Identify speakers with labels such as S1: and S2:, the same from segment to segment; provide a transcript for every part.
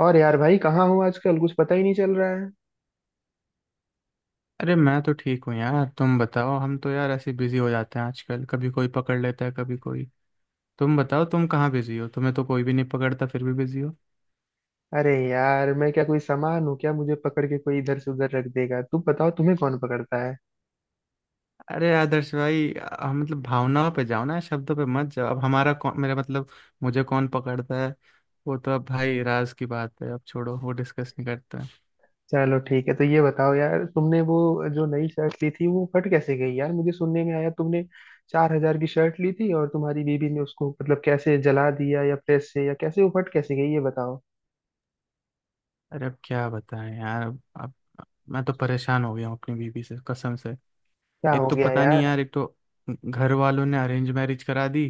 S1: और यार भाई कहाँ हूँ आजकल, कुछ पता ही नहीं चल रहा है।
S2: अरे मैं तो ठीक हूँ यार। तुम बताओ, हम तो यार ऐसे बिजी हो जाते हैं आजकल, कभी कोई पकड़ लेता है कभी कोई। तुम बताओ तुम कहाँ बिजी हो? तुम्हें तो कोई भी नहीं पकड़ता, फिर भी बिजी हो।
S1: अरे यार, मैं क्या कोई सामान हूँ क्या, मुझे पकड़ के कोई इधर से उधर रख देगा? तुम बताओ, तुम्हें कौन पकड़ता है?
S2: अरे आदर्श भाई, मतलब भावनाओं पे जाओ ना, शब्दों पे मत जाओ। अब हमारा कौन, मेरा मतलब मुझे कौन पकड़ता है? वो तो अब भाई राज की बात है, अब छोड़ो, वो डिस्कस नहीं करते हैं।
S1: चलो ठीक है, तो ये बताओ यार, तुमने वो जो नई शर्ट ली थी वो फट कैसे गई? यार मुझे सुनने में आया तुमने 4 हजार की शर्ट ली थी, और तुम्हारी बीबी ने उसको मतलब कैसे जला दिया, या प्रेस से, या कैसे वो फट कैसे गई ये बताओ।
S2: अरे अब क्या बताएं यार। अब मैं तो परेशान हो गया हूँ अपनी बीवी से कसम से।
S1: क्या
S2: एक
S1: हो
S2: तो
S1: गया
S2: पता नहीं
S1: यार?
S2: यार, एक तो घर वालों ने अरेंज मैरिज करा दी,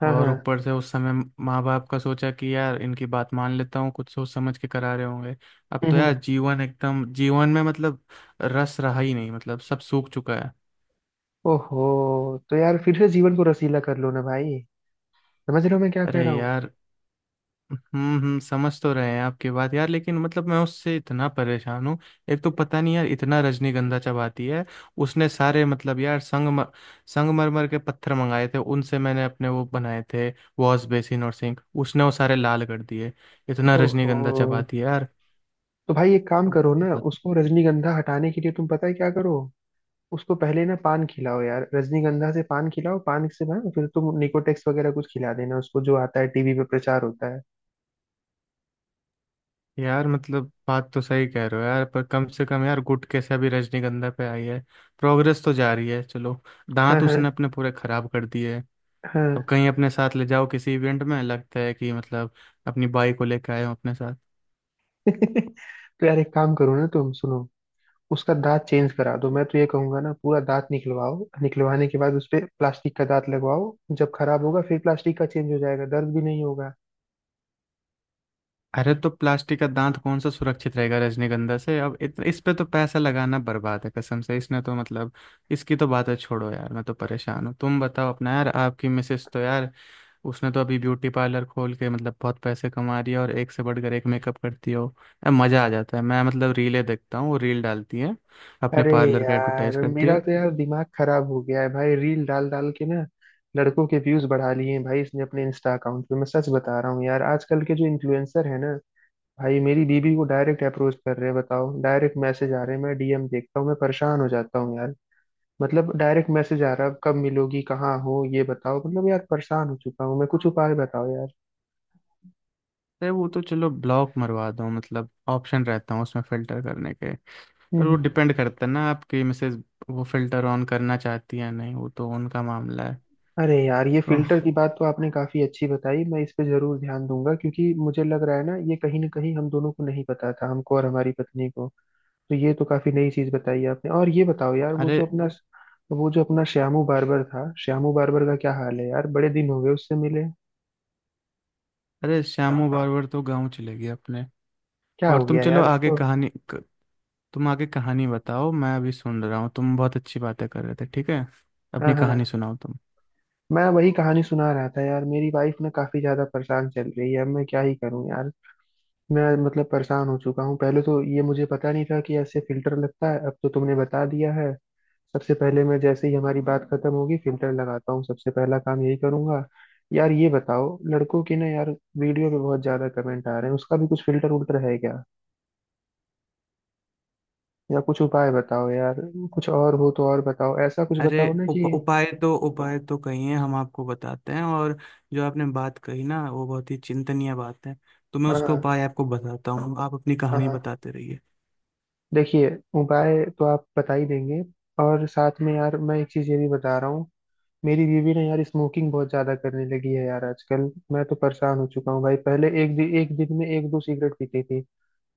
S1: हाँ
S2: और
S1: हाँ।
S2: ऊपर से उस समय माँ बाप का सोचा कि यार इनकी बात मान लेता हूँ, कुछ सोच समझ के करा रहे होंगे। अब
S1: हम्म
S2: तो यार
S1: हम्म।
S2: जीवन, एकदम जीवन में मतलब रस रहा ही नहीं, मतलब सब सूख चुका है।
S1: ओहो। तो यार फिर से जीवन को रसीला कर लो ना भाई। समझ रहे हो मैं क्या कह
S2: अरे
S1: रहा हूँ?
S2: यार, समझ तो रहे हैं आपकी बात यार, लेकिन मतलब मैं उससे इतना परेशान हूँ। एक तो पता नहीं यार, इतना रजनीगंधा चबाती है। उसने सारे मतलब यार संगमरमर के पत्थर मंगाए थे, उनसे मैंने अपने वो बनाए थे वॉश बेसिन और सिंक, उसने वो सारे लाल कर दिए। इतना
S1: ओहो।
S2: रजनीगंधा चबाती है यार।
S1: तो भाई एक काम
S2: अब
S1: करो ना,
S2: मत-
S1: उसको रजनीगंधा हटाने के लिए तुम पता है क्या करो, उसको पहले ना पान खिलाओ यार, रजनीगंधा से पान खिलाओ, पान से ना फिर तुम निकोटेक्स वगैरह कुछ खिला देना उसको, जो आता है टीवी पे प्रचार होता है।
S2: यार मतलब बात तो सही कह रहे हो यार, पर कम से कम यार गुटके से अभी रजनीगंधा पे आई है, प्रोग्रेस तो जा रही है, चलो।
S1: हाँ
S2: दांत
S1: हाँ।
S2: उसने अपने पूरे खराब कर दिए। अब
S1: हाँ।
S2: कहीं अपने साथ ले जाओ किसी इवेंट में, लगता है कि मतलब अपनी बाइक को लेकर आए हो अपने साथ।
S1: तो यार एक काम करो ना, तुम सुनो, उसका दांत चेंज करा दो। मैं तो ये कहूंगा ना, पूरा दांत निकलवाओ, निकलवाने के बाद उस पे प्लास्टिक का दांत लगवाओ, जब खराब होगा फिर प्लास्टिक का चेंज हो जाएगा, दर्द भी नहीं होगा।
S2: अरे तो प्लास्टिक का दांत कौन सा सुरक्षित रहेगा रजनीगंधा से? अब इस पे तो पैसा लगाना बर्बाद है कसम से, इसने तो मतलब, इसकी तो बातें छोड़ो यार, मैं तो परेशान हूँ। तुम बताओ अपना यार, आपकी मिसेस तो यार, उसने तो अभी ब्यूटी पार्लर खोल के मतलब बहुत पैसे कमा रही है, और एक से बढ़कर एक मेकअप करती हो यार, मज़ा आ जाता है। मैं मतलब रीलें देखता हूँ, वो रील डालती है, अपने
S1: अरे
S2: पार्लर का एडवर्टाइज
S1: यार,
S2: करती है।
S1: मेरा तो यार दिमाग खराब हो गया है भाई, रील डाल डाल के ना लड़कों के व्यूज बढ़ा लिए हैं भाई इसने अपने इंस्टा अकाउंट पे। मैं सच बता रहा हूँ यार, आजकल के जो इन्फ्लुएंसर है ना भाई, मेरी बीबी को डायरेक्ट अप्रोच कर रहे हैं, बताओ, डायरेक्ट मैसेज आ रहे हैं। मैं डीएम देखता हूँ, मैं परेशान हो जाता हूँ यार। मतलब डायरेक्ट मैसेज आ रहा है, कब मिलोगी, कहाँ हो, ये बताओ। मतलब यार परेशान हो चुका हूँ मैं, कुछ उपाय बताओ यार।
S2: अरे वो तो चलो ब्लॉक मरवा दो, मतलब ऑप्शन रहता है उसमें फ़िल्टर करने के, पर वो
S1: हम्म।
S2: डिपेंड करता है ना आपकी मिसेज वो फ़िल्टर ऑन करना चाहती है या नहीं, वो तो उनका मामला है।
S1: अरे यार ये
S2: तो
S1: फिल्टर की बात तो आपने काफी अच्छी बताई, मैं इस पे जरूर ध्यान दूंगा, क्योंकि मुझे लग रहा है ना, ये कहीं ना कहीं हम दोनों को नहीं पता था, हमको और हमारी पत्नी को। तो ये तो काफी नई चीज बताई आपने। और ये बताओ यार,
S2: अरे,
S1: वो जो अपना श्यामू बार्बर था, श्यामू बार्बर का क्या हाल है यार, बड़े दिन हो गए उससे मिले।
S2: अरे श्यामू बारबर तो गाँव चले गए अपने।
S1: क्या
S2: और
S1: हो
S2: तुम
S1: गया
S2: चलो
S1: यार
S2: आगे
S1: उसको?
S2: कहानी तुम आगे कहानी बताओ, मैं अभी सुन रहा हूँ, तुम बहुत अच्छी बातें कर रहे थे, ठीक है।
S1: हाँ
S2: अपनी कहानी
S1: हाँ।
S2: सुनाओ तुम।
S1: मैं वही कहानी सुना रहा था यार, मेरी वाइफ ना काफी ज्यादा परेशान चल रही है, अब मैं क्या ही करूँ यार। मैं मतलब परेशान हो चुका हूँ, पहले तो ये मुझे पता नहीं था कि ऐसे फिल्टर लगता है, अब तो तुमने बता दिया है। सबसे पहले मैं जैसे ही हमारी बात खत्म होगी फिल्टर लगाता हूँ, सबसे पहला काम यही करूंगा। यार ये बताओ, लड़कों की ना यार वीडियो पे बहुत ज्यादा कमेंट आ रहे हैं, उसका भी कुछ फिल्टर उल्टर है क्या, या कुछ उपाय बताओ यार। कुछ और हो तो और बताओ, ऐसा कुछ
S2: अरे
S1: बताओ ना कि।
S2: उपाय तो, उपाय तो कही है, हम आपको बताते हैं। और जो आपने बात कही ना वो बहुत ही चिंतनीय बात है, तो मैं उसका
S1: हाँ।
S2: उपाय आपको बताता हूँ, आप अपनी
S1: हाँ
S2: कहानी
S1: हाँ।
S2: बताते रहिए।
S1: देखिए, उपाय तो आप बता ही देंगे, और साथ में यार मैं एक चीज ये भी बता रहा हूँ, मेरी बीवी ने यार स्मोकिंग बहुत ज्यादा करने लगी है यार आजकल। मैं तो परेशान हो चुका हूँ भाई, पहले एक दिन में एक दो सिगरेट पीती थी,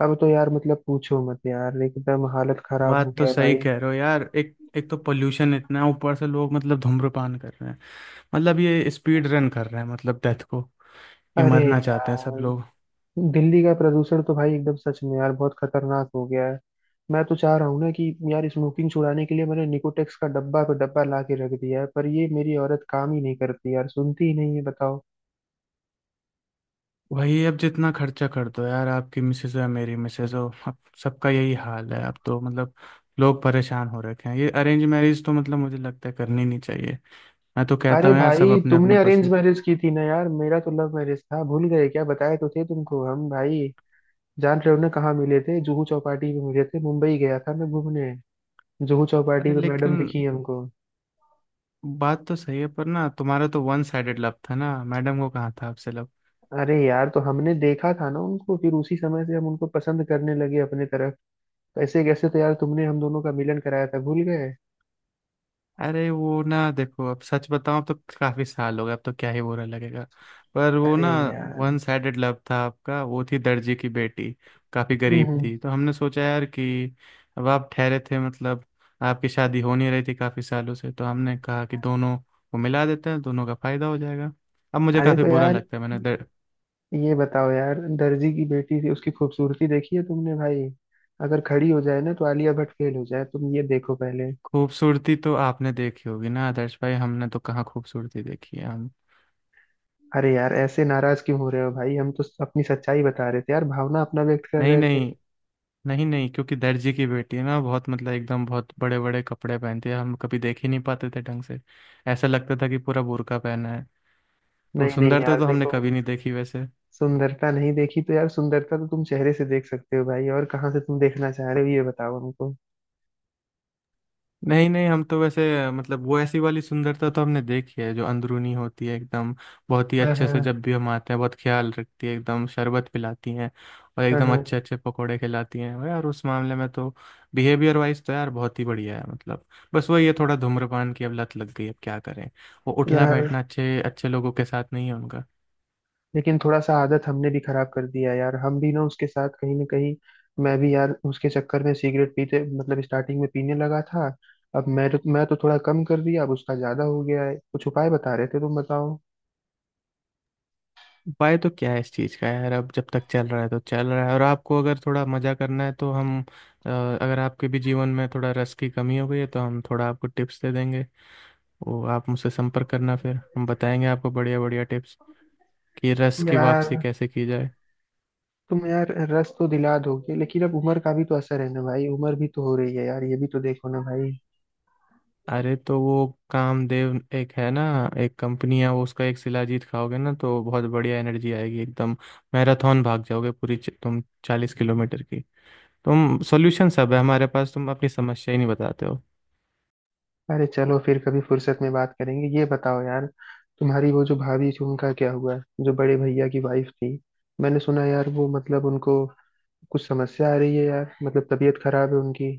S1: अब तो यार मतलब पूछो मत यार, एकदम हालत खराब हो
S2: बात तो
S1: गया है
S2: सही
S1: भाई।
S2: कह रहे हो यार, एक एक तो पोल्यूशन इतना है, ऊपर से लोग मतलब धूम्रपान कर रहे हैं, मतलब ये स्पीड रन कर रहे हैं मतलब डेथ को, ये
S1: अरे
S2: मरना चाहते हैं सब
S1: यार,
S2: लोग।
S1: दिल्ली का प्रदूषण तो भाई एकदम सच में यार बहुत खतरनाक हो गया है। मैं तो चाह रहा हूँ ना कि यार स्मोकिंग छुड़ाने के लिए मैंने निकोटेक्स का डब्बा पे डब्बा ला के रख दिया है, पर ये मेरी औरत काम ही नहीं करती यार, सुनती ही नहीं है, बताओ।
S2: वही, अब जितना खर्चा कर दो यार, आपकी मिसेज हो या मेरी मिसेज हो, अब सबका यही हाल है। अब तो मतलब लोग परेशान हो रखे हैं, ये अरेंज मैरिज तो मतलब मुझे लगता है करनी नहीं चाहिए। मैं तो कहता
S1: अरे
S2: हूँ यार सब
S1: भाई,
S2: अपने
S1: तुमने
S2: अपने
S1: अरेंज
S2: पसंद।
S1: मैरिज की थी ना यार, मेरा तो लव मैरिज था, भूल गए क्या, बताए तो थे तुमको हम भाई, जान रहे हो ना, कहाँ मिले थे? जुहू चौपाटी पे मिले थे, मुंबई गया था मैं घूमने, जुहू
S2: अरे
S1: चौपाटी पे
S2: लेकिन
S1: मैडम दिखी हमको।
S2: बात तो सही है, पर ना तुम्हारा तो वन साइडेड लव था ना, मैडम को कहाँ था आपसे लव।
S1: अरे यार तो हमने देखा था ना उनको, फिर उसी समय से हम उनको पसंद करने लगे अपने तरफ। कैसे कैसे तो यार तुमने हम दोनों का मिलन कराया था, भूल गए?
S2: अरे वो ना देखो, अब सच बताऊं, अब तो काफी साल हो गए, अब तो क्या ही बुरा लगेगा, पर वो
S1: अरे
S2: ना
S1: यार।
S2: वन साइडेड लव था आपका। वो थी दर्जी की बेटी, काफी
S1: हम्म
S2: गरीब
S1: हम्म।
S2: थी, तो हमने सोचा यार कि अब आप ठहरे थे मतलब, आपकी शादी हो नहीं रही थी काफी सालों से, तो हमने कहा कि दोनों को मिला देते हैं, दोनों का फायदा हो जाएगा। अब मुझे
S1: अरे
S2: काफी
S1: तो
S2: बुरा
S1: यार
S2: लगता है मैंने।
S1: ये बताओ यार, दर्जी की बेटी थी उसकी खूबसूरती देखी है तुमने भाई? अगर खड़ी हो जाए ना तो आलिया भट्ट फेल हो जाए, तुम ये देखो पहले।
S2: खूबसूरती तो आपने देखी होगी ना आदर्श भाई, हमने तो कहाँ खूबसूरती देखी है हम।
S1: अरे यार ऐसे नाराज क्यों हो रहे हो भाई, हम तो अपनी सच्चाई बता रहे थे यार, भावना अपना व्यक्त कर
S2: नहीं
S1: रहे थे।
S2: नहीं, नहीं नहीं, क्योंकि दर्जी की बेटी है ना, बहुत मतलब एकदम बहुत बड़े बड़े कपड़े पहनती है, हम कभी देख ही नहीं पाते थे ढंग से, ऐसा लगता था कि पूरा बुर्का पहना है। तो
S1: नहीं नहीं
S2: सुंदरता
S1: यार
S2: तो हमने
S1: देखो,
S2: कभी नहीं देखी वैसे।
S1: सुंदरता नहीं देखी तो यार, सुंदरता तो तुम चेहरे से देख सकते हो भाई, और कहाँ से तुम देखना चाह रहे हो ये बताओ हमको।
S2: नहीं नहीं, हम तो वैसे मतलब, वो ऐसी वाली सुंदरता तो हमने देखी है जो अंदरूनी होती है एकदम। बहुत ही
S1: हाँ
S2: अच्छे से
S1: हाँ।
S2: जब भी हम आते हैं बहुत ख्याल रखती है एकदम, शरबत पिलाती हैं, और
S1: हाँ
S2: एकदम अच्छे
S1: हाँ।
S2: अच्छे पकोड़े खिलाती हैं, और यार उस मामले में तो, बिहेवियर वाइज तो यार बहुत ही बढ़िया है मतलब। बस वही है, थोड़ा धूम्रपान की अब लत लग गई, अब क्या करें, वो उठना
S1: यार
S2: बैठना अच्छे अच्छे लोगों के साथ नहीं है।
S1: लेकिन थोड़ा सा आदत हमने भी खराब कर दिया यार, हम भी ना उसके साथ कहीं ना कहीं, मैं भी यार उसके चक्कर में सिगरेट पीते मतलब स्टार्टिंग में पीने लगा था। अब मैं तो थोड़ा कम कर दिया, अब उसका ज्यादा हो गया है, कुछ उपाय बता रहे थे तुम, बताओ
S2: उपाय तो क्या है इस चीज़ का यार, अब जब तक चल रहा है तो चल रहा है, और आपको अगर थोड़ा मज़ा करना है तो हम, अगर आपके भी जीवन में थोड़ा रस की कमी हो गई है तो हम थोड़ा आपको टिप्स दे देंगे, वो आप मुझसे संपर्क करना, फिर हम बताएंगे आपको बढ़िया बढ़िया टिप्स कि रस की
S1: यार।
S2: वापसी कैसे की जाए।
S1: तुम यार रस तो दिला दोगे, लेकिन अब उम्र का भी तो असर है ना भाई, उम्र भी तो हो रही है यार, ये भी तो देखो ना भाई।
S2: अरे तो वो कामदेव एक है ना, एक कंपनी है वो, उसका एक शिलाजीत खाओगे ना तो बहुत बढ़िया एनर्जी आएगी एकदम, मैराथन भाग जाओगे पूरी तुम 40 किलोमीटर की। तुम सॉल्यूशन सब है हमारे पास, तुम अपनी समस्या ही नहीं बताते हो।
S1: अरे चलो फिर कभी फुर्सत में बात करेंगे। ये बताओ यार, तुम्हारी वो जो भाभी थी, उनका क्या हुआ? जो बड़े भैया की वाइफ थी, मैंने सुना यार वो मतलब उनको कुछ समस्या आ रही है यार, मतलब तबीयत खराब है उनकी।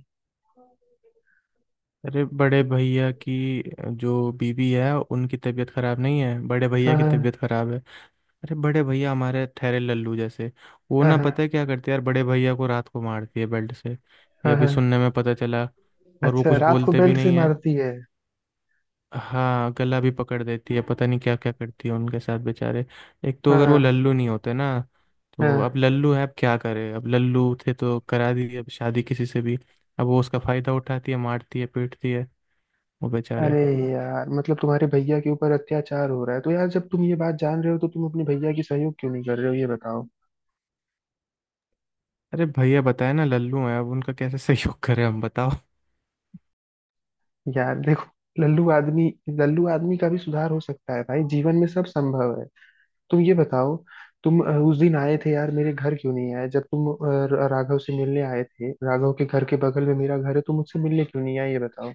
S2: अरे बड़े भैया की जो बीवी है उनकी तबीयत खराब नहीं है, बड़े भैया
S1: हाँ
S2: की
S1: हाँ।
S2: तबीयत खराब है। अरे बड़े भैया हमारे ठहरे लल्लू जैसे, वो
S1: हाँ
S2: ना
S1: हाँ।
S2: पता है क्या करते हैं यार, बड़े भैया को रात को मारती है बेल्ट से। ये
S1: हाँ
S2: अभी
S1: हाँ।
S2: सुनने में पता चला, और वो
S1: अच्छा,
S2: कुछ
S1: रात को
S2: बोलते भी
S1: बेल्ट से
S2: नहीं है।
S1: मारती है?
S2: हाँ गला भी पकड़ देती है, पता नहीं क्या क्या करती है उनके साथ बेचारे। एक तो
S1: हाँ
S2: अगर वो
S1: हाँ।
S2: लल्लू नहीं होते ना, तो,
S1: हाँ।
S2: अब लल्लू है अब क्या करे, अब लल्लू थे तो करा दी अब शादी किसी से भी, अब वो उसका फायदा उठाती है, मारती है, पीटती है वो बेचारे।
S1: अरे यार, मतलब तुम्हारे भैया के ऊपर अत्याचार हो रहा है, तो यार जब तुम ये बात जान रहे हो तो तुम अपने भैया की सहयोग क्यों नहीं कर रहे हो, ये बताओ।
S2: अरे भैया बताए ना लल्लू है, अब उनका कैसे सहयोग करें हम बताओ।
S1: यार देखो, लल्लू आदमी, लल्लू आदमी का भी सुधार हो सकता है भाई, जीवन में सब संभव है। तुम ये बताओ, तुम उस दिन आए थे यार, मेरे घर क्यों नहीं आए जब तुम राघव से मिलने आए थे? राघव के घर के बगल में मेरा घर है, तुम मुझसे मिलने क्यों नहीं आए ये बताओ।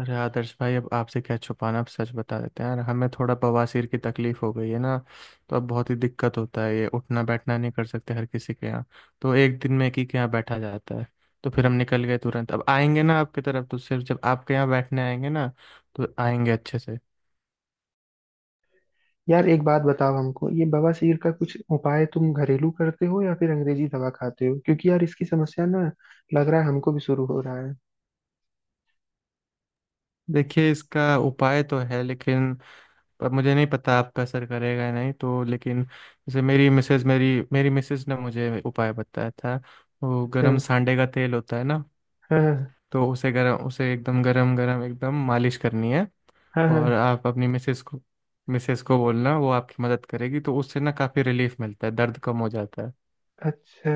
S2: अरे आदर्श भाई अब आपसे क्या छुपाना, अब सच बता देते हैं यार, हमें थोड़ा बवासीर की तकलीफ हो गई है ना, तो अब बहुत ही दिक्कत होता है, ये उठना बैठना नहीं कर सकते हर किसी के यहाँ, तो एक दिन में एक ही के यहाँ बैठा जाता है, तो फिर हम निकल गए तुरंत। अब आएंगे ना आपकी तरफ तो सिर्फ जब आपके यहाँ बैठने आएंगे ना, तो आएंगे अच्छे से।
S1: यार एक बात बताओ हमको, ये बवासीर का कुछ उपाय तुम घरेलू करते हो या फिर अंग्रेजी दवा खाते हो, क्योंकि यार इसकी समस्या ना लग रहा है हमको भी शुरू हो रहा है।
S2: देखिए इसका उपाय तो है लेकिन, पर मुझे नहीं पता आपका असर करेगा या नहीं तो, लेकिन जैसे मेरी मिसेज, मेरी मेरी मिसेज ने मुझे उपाय बताया था, वो
S1: अच्छा।
S2: गरम सांडे का तेल होता है ना,
S1: हाँ।
S2: तो उसे गरम, उसे एकदम गरम गरम एकदम मालिश करनी है।
S1: हाँ हाँ।
S2: और आप अपनी मिसेज को बोलना, वो आपकी मदद करेगी, तो उससे ना काफ़ी रिलीफ मिलता है, दर्द कम हो जाता है।
S1: अच्छा,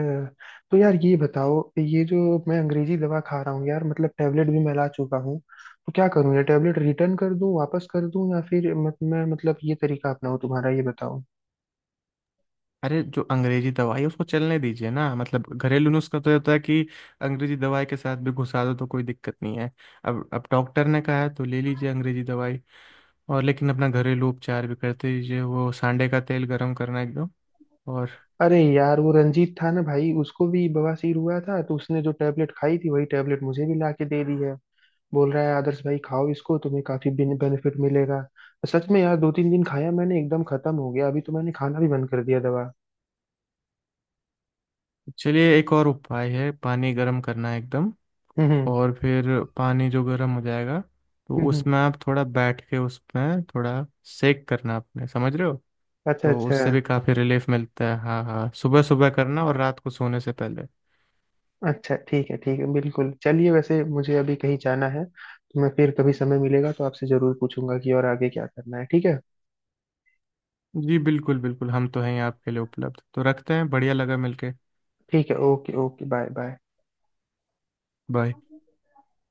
S1: तो यार ये बताओ, ये जो मैं अंग्रेजी दवा खा रहा हूँ यार, मतलब टेबलेट भी मैं ला चुका हूँ, तो क्या करूँ, ये टेबलेट रिटर्न कर दूँ, वापस कर दूँ, या फिर मत, मैं मतलब ये तरीका अपनाऊँ तुम्हारा, ये बताओ।
S2: अरे जो अंग्रेजी दवाई है उसको चलने दीजिए ना, मतलब घरेलू नुस्खा तो ये होता है कि अंग्रेजी दवाई के साथ भी घुसा दो तो कोई दिक्कत नहीं है। अब डॉक्टर ने कहा है तो ले लीजिए अंग्रेजी दवाई, और लेकिन अपना घरेलू उपचार भी करते रहिए, वो सांडे का तेल गर्म करना एकदम। और
S1: अरे यार, वो रंजीत था ना भाई, उसको भी बवासीर हुआ था, तो उसने जो टेबलेट खाई थी वही टेबलेट मुझे भी ला के दे दी है, बोल रहा है आदर्श भाई खाओ इसको तुम्हें काफी बेनिफिट मिलेगा। सच में यार दो तीन दिन खाया मैंने एकदम खत्म हो गया, अभी तो मैंने खाना भी बंद कर दिया दवा।
S2: चलिए एक और उपाय है, पानी गर्म करना एकदम,
S1: हम्म।
S2: और फिर पानी जो गर्म हो जाएगा तो
S1: हम्म।
S2: उसमें आप थोड़ा बैठ के, उसमें थोड़ा सेक करना अपने, समझ रहे हो?
S1: अच्छा
S2: तो
S1: अच्छा।
S2: उससे भी काफ़ी रिलीफ मिलता है। हाँ हाँ, सुबह सुबह करना और रात को सोने से पहले।
S1: अच्छा ठीक है, ठीक है, बिल्कुल चलिए, वैसे मुझे अभी कहीं जाना है, तो मैं फिर कभी समय मिलेगा तो आपसे जरूर पूछूंगा कि और आगे क्या करना है, ठीक है?
S2: जी बिल्कुल बिल्कुल, हम तो हैं ही आपके लिए, उपलब्ध तो रखते हैं, बढ़िया लगा मिलके।
S1: ठीक है, okay okay, bye bye.
S2: Bye.